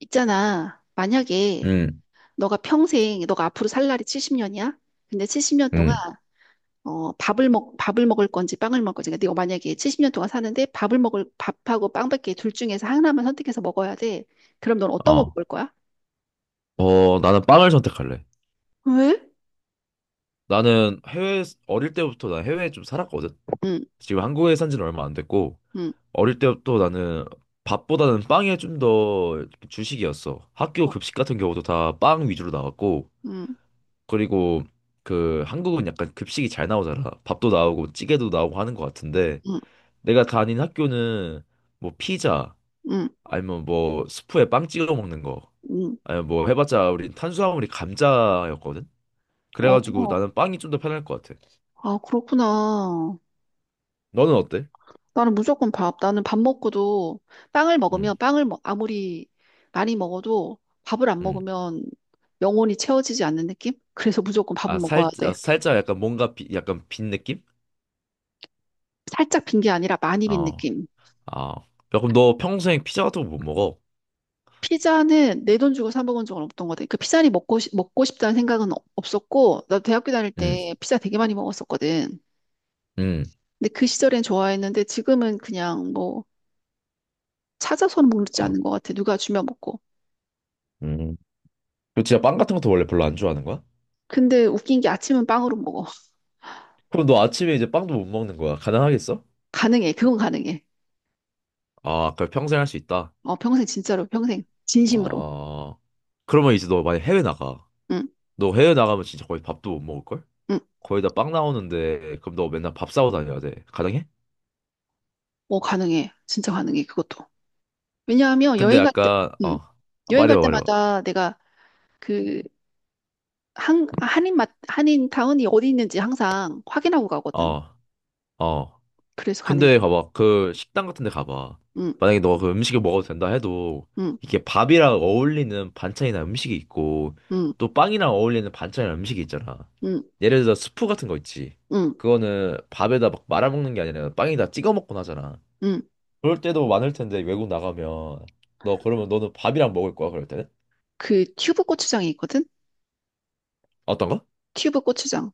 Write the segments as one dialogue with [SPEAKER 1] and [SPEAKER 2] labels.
[SPEAKER 1] 있잖아. 만약에
[SPEAKER 2] 응,
[SPEAKER 1] 너가 평생, 너가 앞으로 살 날이 70년이야? 근데 70년 동안
[SPEAKER 2] 응,
[SPEAKER 1] 밥을 먹을 건지 빵을 먹을 건지. 그러 네가 만약에 70년 동안 사는데 밥을 먹을 밥하고 빵밖에 둘 중에서 하나만 선택해서 먹어야 돼. 그럼 넌 어떤 거
[SPEAKER 2] 어.
[SPEAKER 1] 먹을 거야?
[SPEAKER 2] 나는 빵을 선택할래.
[SPEAKER 1] 왜?
[SPEAKER 2] 나는 어릴 때부터 난 해외에 좀 살았거든.
[SPEAKER 1] 응,
[SPEAKER 2] 지금 한국에 산 지는 얼마 안 됐고,
[SPEAKER 1] 응.
[SPEAKER 2] 어릴 때부터 나는 밥보다는 빵에 좀 더 주식이었어. 학교
[SPEAKER 1] 어.
[SPEAKER 2] 급식 같은 경우도 다 빵 위주로 나왔고,
[SPEAKER 1] 응,
[SPEAKER 2] 그리고 그 한국은 약간 급식이 잘 나오잖아. 밥도 나오고 찌개도 나오고 하는 것 같은데,
[SPEAKER 1] 응,
[SPEAKER 2] 내가 다닌 학교는 뭐 피자,
[SPEAKER 1] 응,
[SPEAKER 2] 아니면 뭐 스프에 빵 찍어 먹는 거,
[SPEAKER 1] 응.
[SPEAKER 2] 아니면 뭐 해봤자 우리 탄수화물이 감자였거든. 그래가지고
[SPEAKER 1] 어.
[SPEAKER 2] 나는 빵이 좀 더 편할 것 같아.
[SPEAKER 1] 아, 그렇구나.
[SPEAKER 2] 너는 어때?
[SPEAKER 1] 나는 무조건 밥. 나는 밥 먹고도 빵을
[SPEAKER 2] 음,
[SPEAKER 1] 먹으면 아무리 많이 먹어도 밥을 안
[SPEAKER 2] 음.
[SPEAKER 1] 먹으면 영혼이 채워지지 않는 느낌? 그래서 무조건 밥은 먹어야 돼.
[SPEAKER 2] 살짝 약간 뭔가 약간 빈 느낌?
[SPEAKER 1] 살짝 빈 게 아니라 많이 빈
[SPEAKER 2] 어,
[SPEAKER 1] 느낌.
[SPEAKER 2] 아. 야, 그럼 너 평생 피자 같은 거 못 먹어?
[SPEAKER 1] 피자는 내 돈 주고 사 먹은 적은 없던 것 같아. 그 피자니 먹고 싶다는 생각은 없었고, 나 대학교 다닐
[SPEAKER 2] 음,
[SPEAKER 1] 때 피자 되게 많이 먹었었거든.
[SPEAKER 2] 음.
[SPEAKER 1] 근데 그 시절엔 좋아했는데 지금은 그냥 뭐 찾아서는 먹지
[SPEAKER 2] 아,
[SPEAKER 1] 않는 것 같아. 누가 주면 먹고.
[SPEAKER 2] 음. 너 진짜 빵 같은 것도 원래 별로 안 좋아하는 거야?
[SPEAKER 1] 근데 웃긴 게 아침은 빵으로 먹어.
[SPEAKER 2] 그럼 너 아침에 이제 빵도 못 먹는 거야. 가능하겠어?
[SPEAKER 1] 가능해. 그건 가능해.
[SPEAKER 2] 아, 그럼 평생 할 수 있다.
[SPEAKER 1] 어, 평생 진짜로 평생 진심으로.
[SPEAKER 2] 아, 그러면 이제 너 만약 해외 나가.
[SPEAKER 1] 응,
[SPEAKER 2] 너 해외 나가면 진짜 거의 밥도 못 먹을걸?
[SPEAKER 1] 응.
[SPEAKER 2] 거의 다 빵 나오는데, 그럼 너 맨날 밥 싸고 다녀야 돼. 가능해?
[SPEAKER 1] 어, 가능해. 진짜 가능해. 그것도. 왜냐하면
[SPEAKER 2] 근데
[SPEAKER 1] 여행 갈 때,
[SPEAKER 2] 약간, 어,
[SPEAKER 1] 응,
[SPEAKER 2] 아,
[SPEAKER 1] 여행 갈
[SPEAKER 2] 말해봐, 말해봐.
[SPEAKER 1] 때마다 내가 그 한인 타운이 어디 있는지 항상 확인하고 가거든.
[SPEAKER 2] 어, 어.
[SPEAKER 1] 그래서
[SPEAKER 2] 근데
[SPEAKER 1] 가능해.
[SPEAKER 2] 봐봐. 그 식당 같은 데 가봐.
[SPEAKER 1] 응,
[SPEAKER 2] 만약에 너가 그 음식을 먹어도 된다 해도
[SPEAKER 1] 응,
[SPEAKER 2] 이게 밥이랑 어울리는 반찬이나 음식이 있고
[SPEAKER 1] 응,
[SPEAKER 2] 또 빵이랑 어울리는 반찬이나 음식이 있잖아.
[SPEAKER 1] 응,
[SPEAKER 2] 예를 들어 스프 같은 거 있지.
[SPEAKER 1] 응,
[SPEAKER 2] 그거는 밥에다 막 말아먹는 게 아니라 빵에다 찍어 먹곤 하잖아.
[SPEAKER 1] 응.
[SPEAKER 2] 그럴 때도 많을 텐데 외국 나가면 너 그러면 너는 밥이랑 먹을 거야 그럴 때는?
[SPEAKER 1] 그 튜브 고추장이 있거든.
[SPEAKER 2] 어떤 거?
[SPEAKER 1] 튜브 고추장.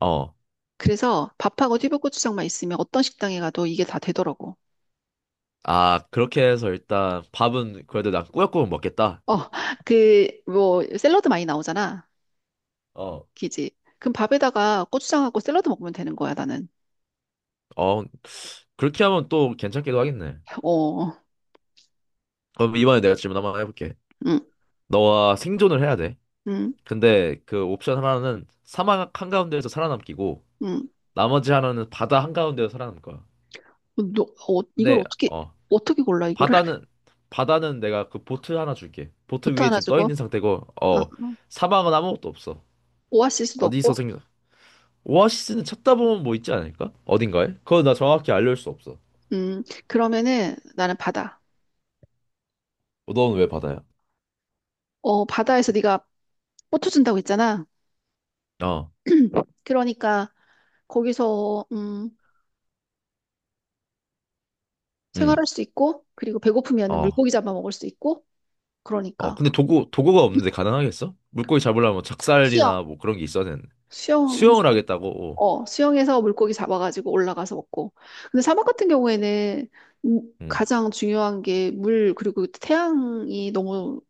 [SPEAKER 2] 어.
[SPEAKER 1] 그래서 밥하고 튜브 고추장만 있으면 어떤 식당에 가도 이게 다 되더라고.
[SPEAKER 2] 아, 그렇게 해서 일단 밥은 그래도 난 꾸역꾸역 먹겠다.
[SPEAKER 1] 어, 그, 뭐, 샐러드 많이 나오잖아.
[SPEAKER 2] 어.
[SPEAKER 1] 기지. 그럼 밥에다가 고추장하고 샐러드 먹으면 되는 거야, 나는.
[SPEAKER 2] 어, 그렇게 하면 또 괜찮기도 하겠네.
[SPEAKER 1] 어.
[SPEAKER 2] 그럼 이번에 내가 질문 한번 해볼게.
[SPEAKER 1] 응,
[SPEAKER 2] 너와 생존을 해야 돼.
[SPEAKER 1] 응,
[SPEAKER 2] 근데 그 옵션 하나는 사막 한가운데에서 살아남기고,
[SPEAKER 1] 응.
[SPEAKER 2] 나머지 하나는 바다 한가운데에서 살아남을 거야.
[SPEAKER 1] 너, 이걸
[SPEAKER 2] 근데, 어,
[SPEAKER 1] 어떻게 골라, 이거를?
[SPEAKER 2] 바다는, 바다는 내가 그 보트 하나 줄게. 보트
[SPEAKER 1] 보트
[SPEAKER 2] 위에
[SPEAKER 1] 하나
[SPEAKER 2] 지금 떠
[SPEAKER 1] 주고,
[SPEAKER 2] 있는 상태고,
[SPEAKER 1] 아,
[SPEAKER 2] 어, 사막은 아무것도 없어.
[SPEAKER 1] 오아시스도
[SPEAKER 2] 어디서
[SPEAKER 1] 없고,
[SPEAKER 2] 생겨? 오아시스는 찾다 보면 뭐 있지 않을까? 어딘가에? 그건 나 정확히 알려줄 수 없어.
[SPEAKER 1] 그러면은 나는 바다.
[SPEAKER 2] 너는 왜 바다야?
[SPEAKER 1] 바다에서 네가 보트 준다고 했잖아.
[SPEAKER 2] 어,
[SPEAKER 1] 그러니까 거기서,
[SPEAKER 2] 응,
[SPEAKER 1] 생활할 수 있고, 그리고 배고프면
[SPEAKER 2] 어.
[SPEAKER 1] 물고기 잡아 먹을 수 있고,
[SPEAKER 2] 어,
[SPEAKER 1] 그러니까
[SPEAKER 2] 근데 도구가 없는데 가능하겠어? 물고기 잡으려면
[SPEAKER 1] 수영,
[SPEAKER 2] 작살이나 뭐 그런 게 있어야 되는데.
[SPEAKER 1] 수영해서
[SPEAKER 2] 수영을 하겠다고.
[SPEAKER 1] 수영해서 물고기 잡아가지고 올라가서 먹고. 근데 사막 같은 경우에는
[SPEAKER 2] 음.
[SPEAKER 1] 가장 중요한 게 물, 그리고 태양이 너무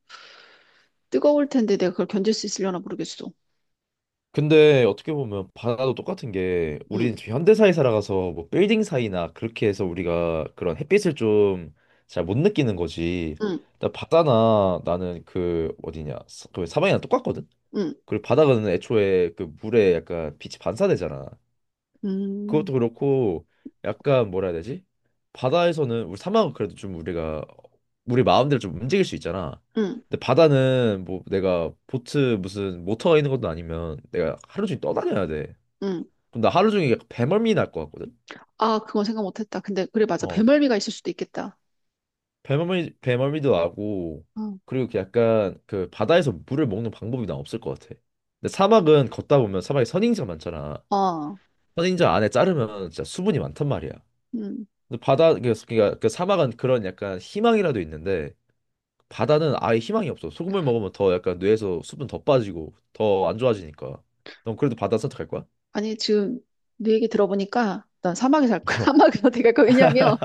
[SPEAKER 1] 뜨거울 텐데 내가 그걸 견딜 수 있으려나 모르겠어.
[SPEAKER 2] 근데 어떻게 보면 바다도 똑같은 게
[SPEAKER 1] 응,
[SPEAKER 2] 우리는 지금 현대사에 살아가서 뭐 빌딩 사이나 그렇게 해서 우리가 그런 햇빛을 좀 잘 못 느끼는 거지.
[SPEAKER 1] 응,
[SPEAKER 2] 나 바다나 나는 그 어디냐 그 사방이랑 똑같거든.
[SPEAKER 1] 응,
[SPEAKER 2] 그리고 바다는 애초에 그 물에 약간 빛이 반사되잖아.
[SPEAKER 1] 음,
[SPEAKER 2] 그것도 그렇고 약간 뭐라 해야 되지? 바다에서는 우리 사막은 그래도 좀 우리가 우리 마음대로 좀 움직일 수 있잖아.
[SPEAKER 1] 응,
[SPEAKER 2] 근데 바다는 뭐 내가 보트 무슨 모터가 있는 것도 아니면 내가 하루 종일 떠다녀야 돼.
[SPEAKER 1] 응.
[SPEAKER 2] 그럼 나 하루 종일 약간 배멀미 날 것 같거든.
[SPEAKER 1] 아, 그건 생각 못했다. 근데, 그래, 맞아.
[SPEAKER 2] 어,
[SPEAKER 1] 배멀미가 있을 수도 있겠다.
[SPEAKER 2] 배멀미도 나고
[SPEAKER 1] 응.
[SPEAKER 2] 그리고 그 약간 그 바다에서 물을 먹는 방법이 난 없을 것 같아. 근데 사막은 걷다 보면 사막에 선인장 많잖아.
[SPEAKER 1] 어.
[SPEAKER 2] 선인장 안에 자르면 진짜 수분이 많단 말이야.
[SPEAKER 1] 음.
[SPEAKER 2] 근데 바다 그러니까 사막은 그런 약간 희망이라도 있는데 바다는 아예 희망이 없어. 소금을 먹으면 더 약간 뇌에서 수분 더 빠지고 더 안 좋아지니까. 넌 그래도 바다 선택할 거야?
[SPEAKER 1] 아니, 지금 네 얘기 들어보니까 난 사막에 살 거야. 사막에서 내가, 왜냐면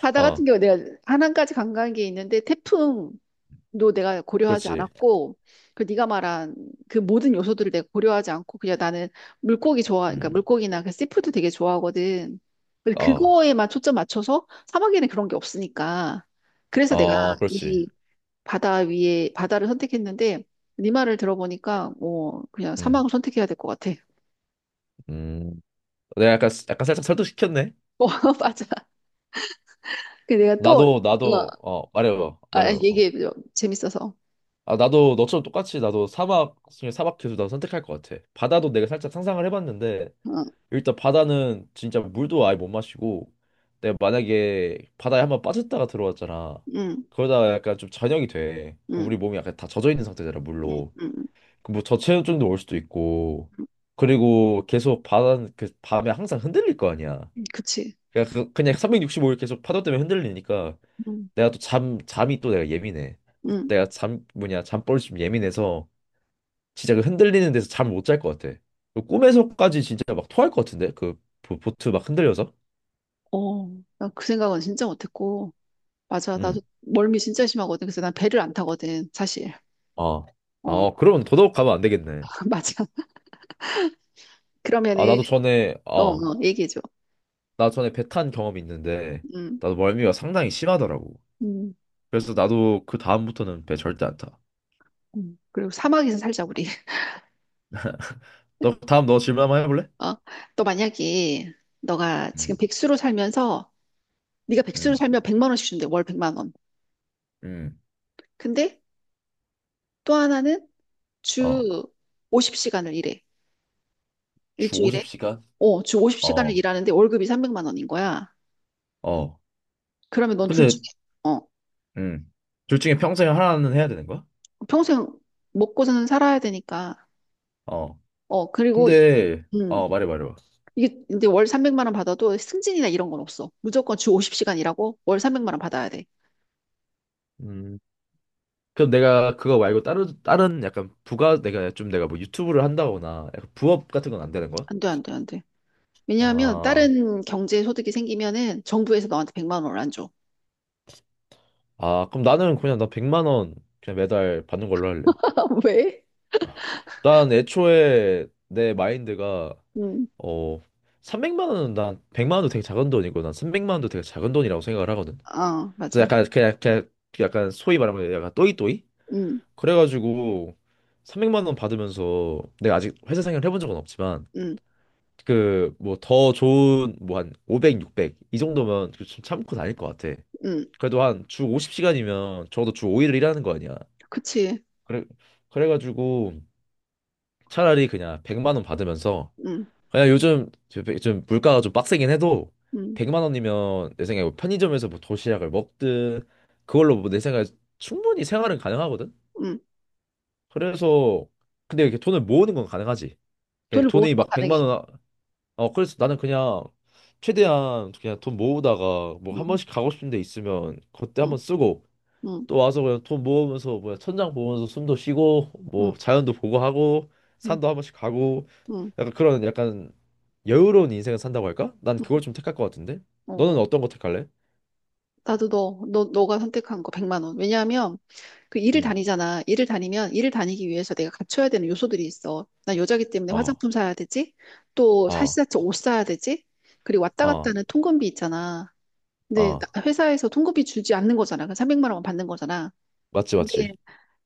[SPEAKER 1] 바다
[SPEAKER 2] 어,
[SPEAKER 1] 같은 경우 내가 하남까지 관광객이 있는데 태풍, 도 내가 고려하지
[SPEAKER 2] 그렇지.
[SPEAKER 1] 않았고 그 네가 말한 그 모든 요소들을 내가 고려하지 않고 그냥 나는 물고기 좋아 그러니까
[SPEAKER 2] 음,
[SPEAKER 1] 물고기나 그 씨푸드 되게 좋아하거든. 근데
[SPEAKER 2] 어,
[SPEAKER 1] 그거에만 초점 맞춰서 사막에는 그런 게 없으니까 그래서 내가
[SPEAKER 2] 어, 그렇지.
[SPEAKER 1] 이 바다 위에 바다를 선택했는데 네 말을 들어보니까 뭐 그냥
[SPEAKER 2] 음,
[SPEAKER 1] 사막을 선택해야 될 것 같아.
[SPEAKER 2] 음. 내가 약간 약간 살짝 설득시켰네.
[SPEAKER 1] 어, 맞아. 그 내가 또
[SPEAKER 2] 나도 나도 어 말해봐 말해봐. 어.
[SPEAKER 1] 얘기해 재밌어서.
[SPEAKER 2] 아 나도 너처럼 똑같이 나도 사막 계속 나도 선택할 것 같아. 바다도 내가 살짝 상상을 해봤는데
[SPEAKER 1] 어,
[SPEAKER 2] 일단 바다는 진짜 물도 아예 못 마시고 내가 만약에 바다에 한 번 빠졌다가 들어왔잖아.
[SPEAKER 1] 응,
[SPEAKER 2] 그러다가 약간 좀 저녁이 돼 그럼
[SPEAKER 1] 응,
[SPEAKER 2] 우리 몸이 약간 다 젖어 있는 상태잖아
[SPEAKER 1] 응,
[SPEAKER 2] 물로.
[SPEAKER 1] 응,
[SPEAKER 2] 그뭐 저체온증도 올 수도 있고 그리고 계속 바다는 그 밤에 항상 흔들릴 거 아니야.
[SPEAKER 1] 응, 그치.
[SPEAKER 2] 그냥 365일 계속 파도 때문에 흔들리니까
[SPEAKER 1] 응,
[SPEAKER 2] 내가 또 잠 잠이 또 내가 예민해.
[SPEAKER 1] 응.
[SPEAKER 2] 내가 잠 뭐냐 잠버릇이 좀 예민해서 진짜 그 흔들리는 데서 잠을 못 잘 것 같아. 그 꿈에서까지 진짜 막 토할 것 같은데? 그 보트 막 흔들려서?
[SPEAKER 1] 어, 나 그 생각은 진짜 못했고, 맞아,
[SPEAKER 2] 응.
[SPEAKER 1] 나도 멀미 진짜 심하거든. 그래서 난 배를 안 타거든, 사실.
[SPEAKER 2] 어.
[SPEAKER 1] 어.
[SPEAKER 2] 어, 그러면 더더욱 가면 안 되겠네.
[SPEAKER 1] 맞아.
[SPEAKER 2] 아,
[SPEAKER 1] 그러면은,
[SPEAKER 2] 나도 전에, 어,
[SPEAKER 1] 얘기해줘.
[SPEAKER 2] 나 전에 배 탄 경험이 있는데,
[SPEAKER 1] 음,
[SPEAKER 2] 나도 멀미가 상당히 심하더라고.
[SPEAKER 1] 음,
[SPEAKER 2] 그래서 나도 그 다음부터는 배 절대 안 타.
[SPEAKER 1] 그리고 사막에서 살자, 우리.
[SPEAKER 2] 너, 다음 너 질문 한번 해볼래?
[SPEAKER 1] 어, 너 만약에, 너가
[SPEAKER 2] 응,
[SPEAKER 1] 지금 백수로 살면서, 네가 백수로
[SPEAKER 2] 응,
[SPEAKER 1] 살면 100만 원씩 준대, 월 100만 원.
[SPEAKER 2] 응.
[SPEAKER 1] 근데 또 하나는
[SPEAKER 2] 어,
[SPEAKER 1] 주 50시간을 일해.
[SPEAKER 2] 주
[SPEAKER 1] 일주일에.
[SPEAKER 2] 50시간?
[SPEAKER 1] 주 50시간을
[SPEAKER 2] 어,
[SPEAKER 1] 일하는데 월급이 300만 원인 거야.
[SPEAKER 2] 어.
[SPEAKER 1] 그러면 넌 둘 중에,
[SPEAKER 2] 근데,
[SPEAKER 1] 어,
[SPEAKER 2] 음, 둘 중에 평생 하나는 해야 되는 거야?
[SPEAKER 1] 평생 먹고서는 살아야 되니까.
[SPEAKER 2] 어.
[SPEAKER 1] 어, 그리고,
[SPEAKER 2] 근데,
[SPEAKER 1] 음,
[SPEAKER 2] 어, 말해, 말해봐.
[SPEAKER 1] 이게 근데 월 300만 원 받아도 승진이나 이런 건 없어. 무조건 주 50시간 일하고 월 300만 원 받아야 돼.
[SPEAKER 2] 음. 그럼 내가 그거 말고 다른 약간 부가 내가 좀 내가 뭐 유튜브를 한다거나 약간 부업 같은 건 안 되는 거야?
[SPEAKER 1] 안 돼, 안 돼, 안 돼. 왜냐하면
[SPEAKER 2] 아,
[SPEAKER 1] 다른 경제 소득이 생기면은 정부에서 너한테 100만 원을 안 줘.
[SPEAKER 2] 아 그럼 나는 그냥 나 100만 원 그냥 매달 받는 걸로 할래.
[SPEAKER 1] 왜?
[SPEAKER 2] 아, 난 애초에 내 마인드가
[SPEAKER 1] 음.
[SPEAKER 2] 어 300만 원은 난 100만 원도 되게 작은 돈이고 난 300만 원도 되게 작은 돈이라고 생각을 하거든.
[SPEAKER 1] 아,
[SPEAKER 2] 그래서
[SPEAKER 1] 맞아.
[SPEAKER 2] 약간 그냥 약간 소위 말하면 약간 또이또이?
[SPEAKER 1] 음,
[SPEAKER 2] 그래가지고 300만 원 받으면서 내가 아직 회사 생활을 해본 적은 없지만
[SPEAKER 1] 음,
[SPEAKER 2] 그 뭐 더 좋은 뭐 한 500, 600 이 정도면 그 좀 참고 다닐 것 같아.
[SPEAKER 1] 음,
[SPEAKER 2] 그래도 한 주 50시간이면 적어도 주 5일을 일하는 거 아니야.
[SPEAKER 1] 그치.
[SPEAKER 2] 그래 그래가지고 차라리 그냥 100만 원 받으면서
[SPEAKER 1] 음,
[SPEAKER 2] 그냥 요즘 좀 물가가 좀 빡세긴 해도
[SPEAKER 1] 음,
[SPEAKER 2] 100만 원이면 내 생각에 뭐 편의점에서 뭐 도시락을 먹든 그걸로 뭐 내 생각에 충분히 생활은 가능하거든.
[SPEAKER 1] 음.
[SPEAKER 2] 그래서 근데 이렇게 돈을 모으는 건 가능하지. 이게
[SPEAKER 1] 돈을 모으는
[SPEAKER 2] 돈이
[SPEAKER 1] 거
[SPEAKER 2] 막
[SPEAKER 1] 가능해.
[SPEAKER 2] 100만 원 어, 그래서 나는 그냥 최대한 그냥 돈 모으다가 뭐 한
[SPEAKER 1] 음,
[SPEAKER 2] 번씩 가고 싶은 데 있으면 그때 한
[SPEAKER 1] 음,
[SPEAKER 2] 번 쓰고
[SPEAKER 1] 음,
[SPEAKER 2] 또 와서 그냥 돈 모으면서 뭐 천장 보면서 숨도 쉬고 뭐
[SPEAKER 1] 음,
[SPEAKER 2] 자연도 보고 하고
[SPEAKER 1] 음,
[SPEAKER 2] 산도 한 번씩 가고
[SPEAKER 1] 음.
[SPEAKER 2] 약간 그런 약간 여유로운 인생을 산다고 할까? 난
[SPEAKER 1] 음.
[SPEAKER 2] 그걸 좀 택할 것 같은데. 너는
[SPEAKER 1] 어,
[SPEAKER 2] 어떤 거 택할래?
[SPEAKER 1] 나도 너가 선택한 거 100만 원. 왜냐하면 그 일을
[SPEAKER 2] 음.
[SPEAKER 1] 다니잖아. 일을 다니면 일을 다니기 위해서 내가 갖춰야 되는 요소들이 있어. 나 여자기 때문에
[SPEAKER 2] 어.
[SPEAKER 1] 화장품 사야 되지. 또
[SPEAKER 2] 어.
[SPEAKER 1] 사시사철 옷 사야 되지. 그리고 왔다 갔다
[SPEAKER 2] 어.
[SPEAKER 1] 하는 통근비 있잖아. 근데
[SPEAKER 2] 어.
[SPEAKER 1] 회사에서 통근비 주지 않는 거잖아. 그 300만 원만 받는 거잖아.
[SPEAKER 2] 맞지.
[SPEAKER 1] 근데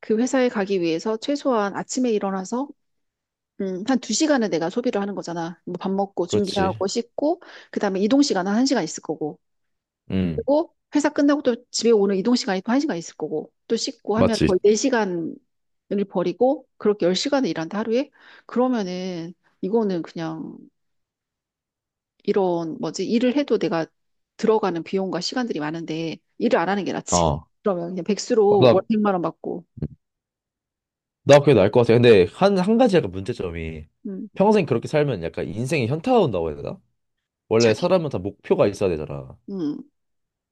[SPEAKER 1] 그 회사에 가기 위해서 최소한 아침에 일어나서 한 두시간은 내가 소비를 하는 거잖아. 뭐 밥 먹고
[SPEAKER 2] 그렇지.
[SPEAKER 1] 준비하고 씻고 그다음에 이동 시간은 한시간 있을 거고.
[SPEAKER 2] 음.
[SPEAKER 1] 그리고 회사 끝나고 또 집에 오는 이동 시간이 또 1시간 있을 거고 또 씻고 하면 거의
[SPEAKER 2] 맞지.
[SPEAKER 1] 4시간을 버리고 그렇게 10시간을 일한다 하루에. 그러면은 이거는 그냥 이런 뭐지, 일을 해도 내가 들어가는 비용과 시간들이 많은데 일을 안 하는 게 낫지.
[SPEAKER 2] 어.
[SPEAKER 1] 그러면 그냥 백수로 월
[SPEAKER 2] 맞아.
[SPEAKER 1] 100만 원 받고.
[SPEAKER 2] 나 그게 나을 것 같아. 근데 한 가지 약간 문제점이
[SPEAKER 1] 음,
[SPEAKER 2] 평생 그렇게 살면 약간 인생이 현타가 온다고 해야 되나? 원래
[SPEAKER 1] 자기
[SPEAKER 2] 사람은 다 목표가 있어야 되잖아.
[SPEAKER 1] 음,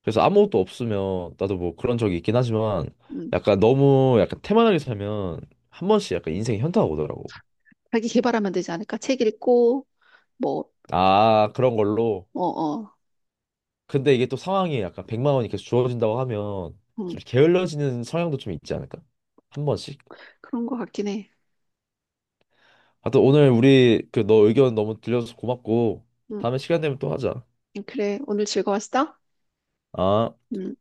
[SPEAKER 2] 그래서 아무것도 없으면 나도 뭐 그런 적이 있긴 하지만
[SPEAKER 1] 음,
[SPEAKER 2] 약간 너무 약간 태만하게 살면 한 번씩 약간 인생이 현타가 오더라고.
[SPEAKER 1] 자기 개발하면 되지 않을까, 책 읽고 뭐.
[SPEAKER 2] 아, 그런 걸로.
[SPEAKER 1] 어 어
[SPEAKER 2] 근데 이게 또 상황이 약간 백만 원이 계속 주어진다고 하면 좀
[SPEAKER 1] 음,
[SPEAKER 2] 게을러지는 성향도 좀 있지 않을까? 한 번씩.
[SPEAKER 1] 그런 거 같긴 해.
[SPEAKER 2] 하여튼 오늘 우리 그 너 의견 너무 들려줘서 고맙고
[SPEAKER 1] 음.
[SPEAKER 2] 다음에 시간 되면 또 하자.
[SPEAKER 1] 그래, 오늘 즐거웠어?
[SPEAKER 2] 아.
[SPEAKER 1] 음.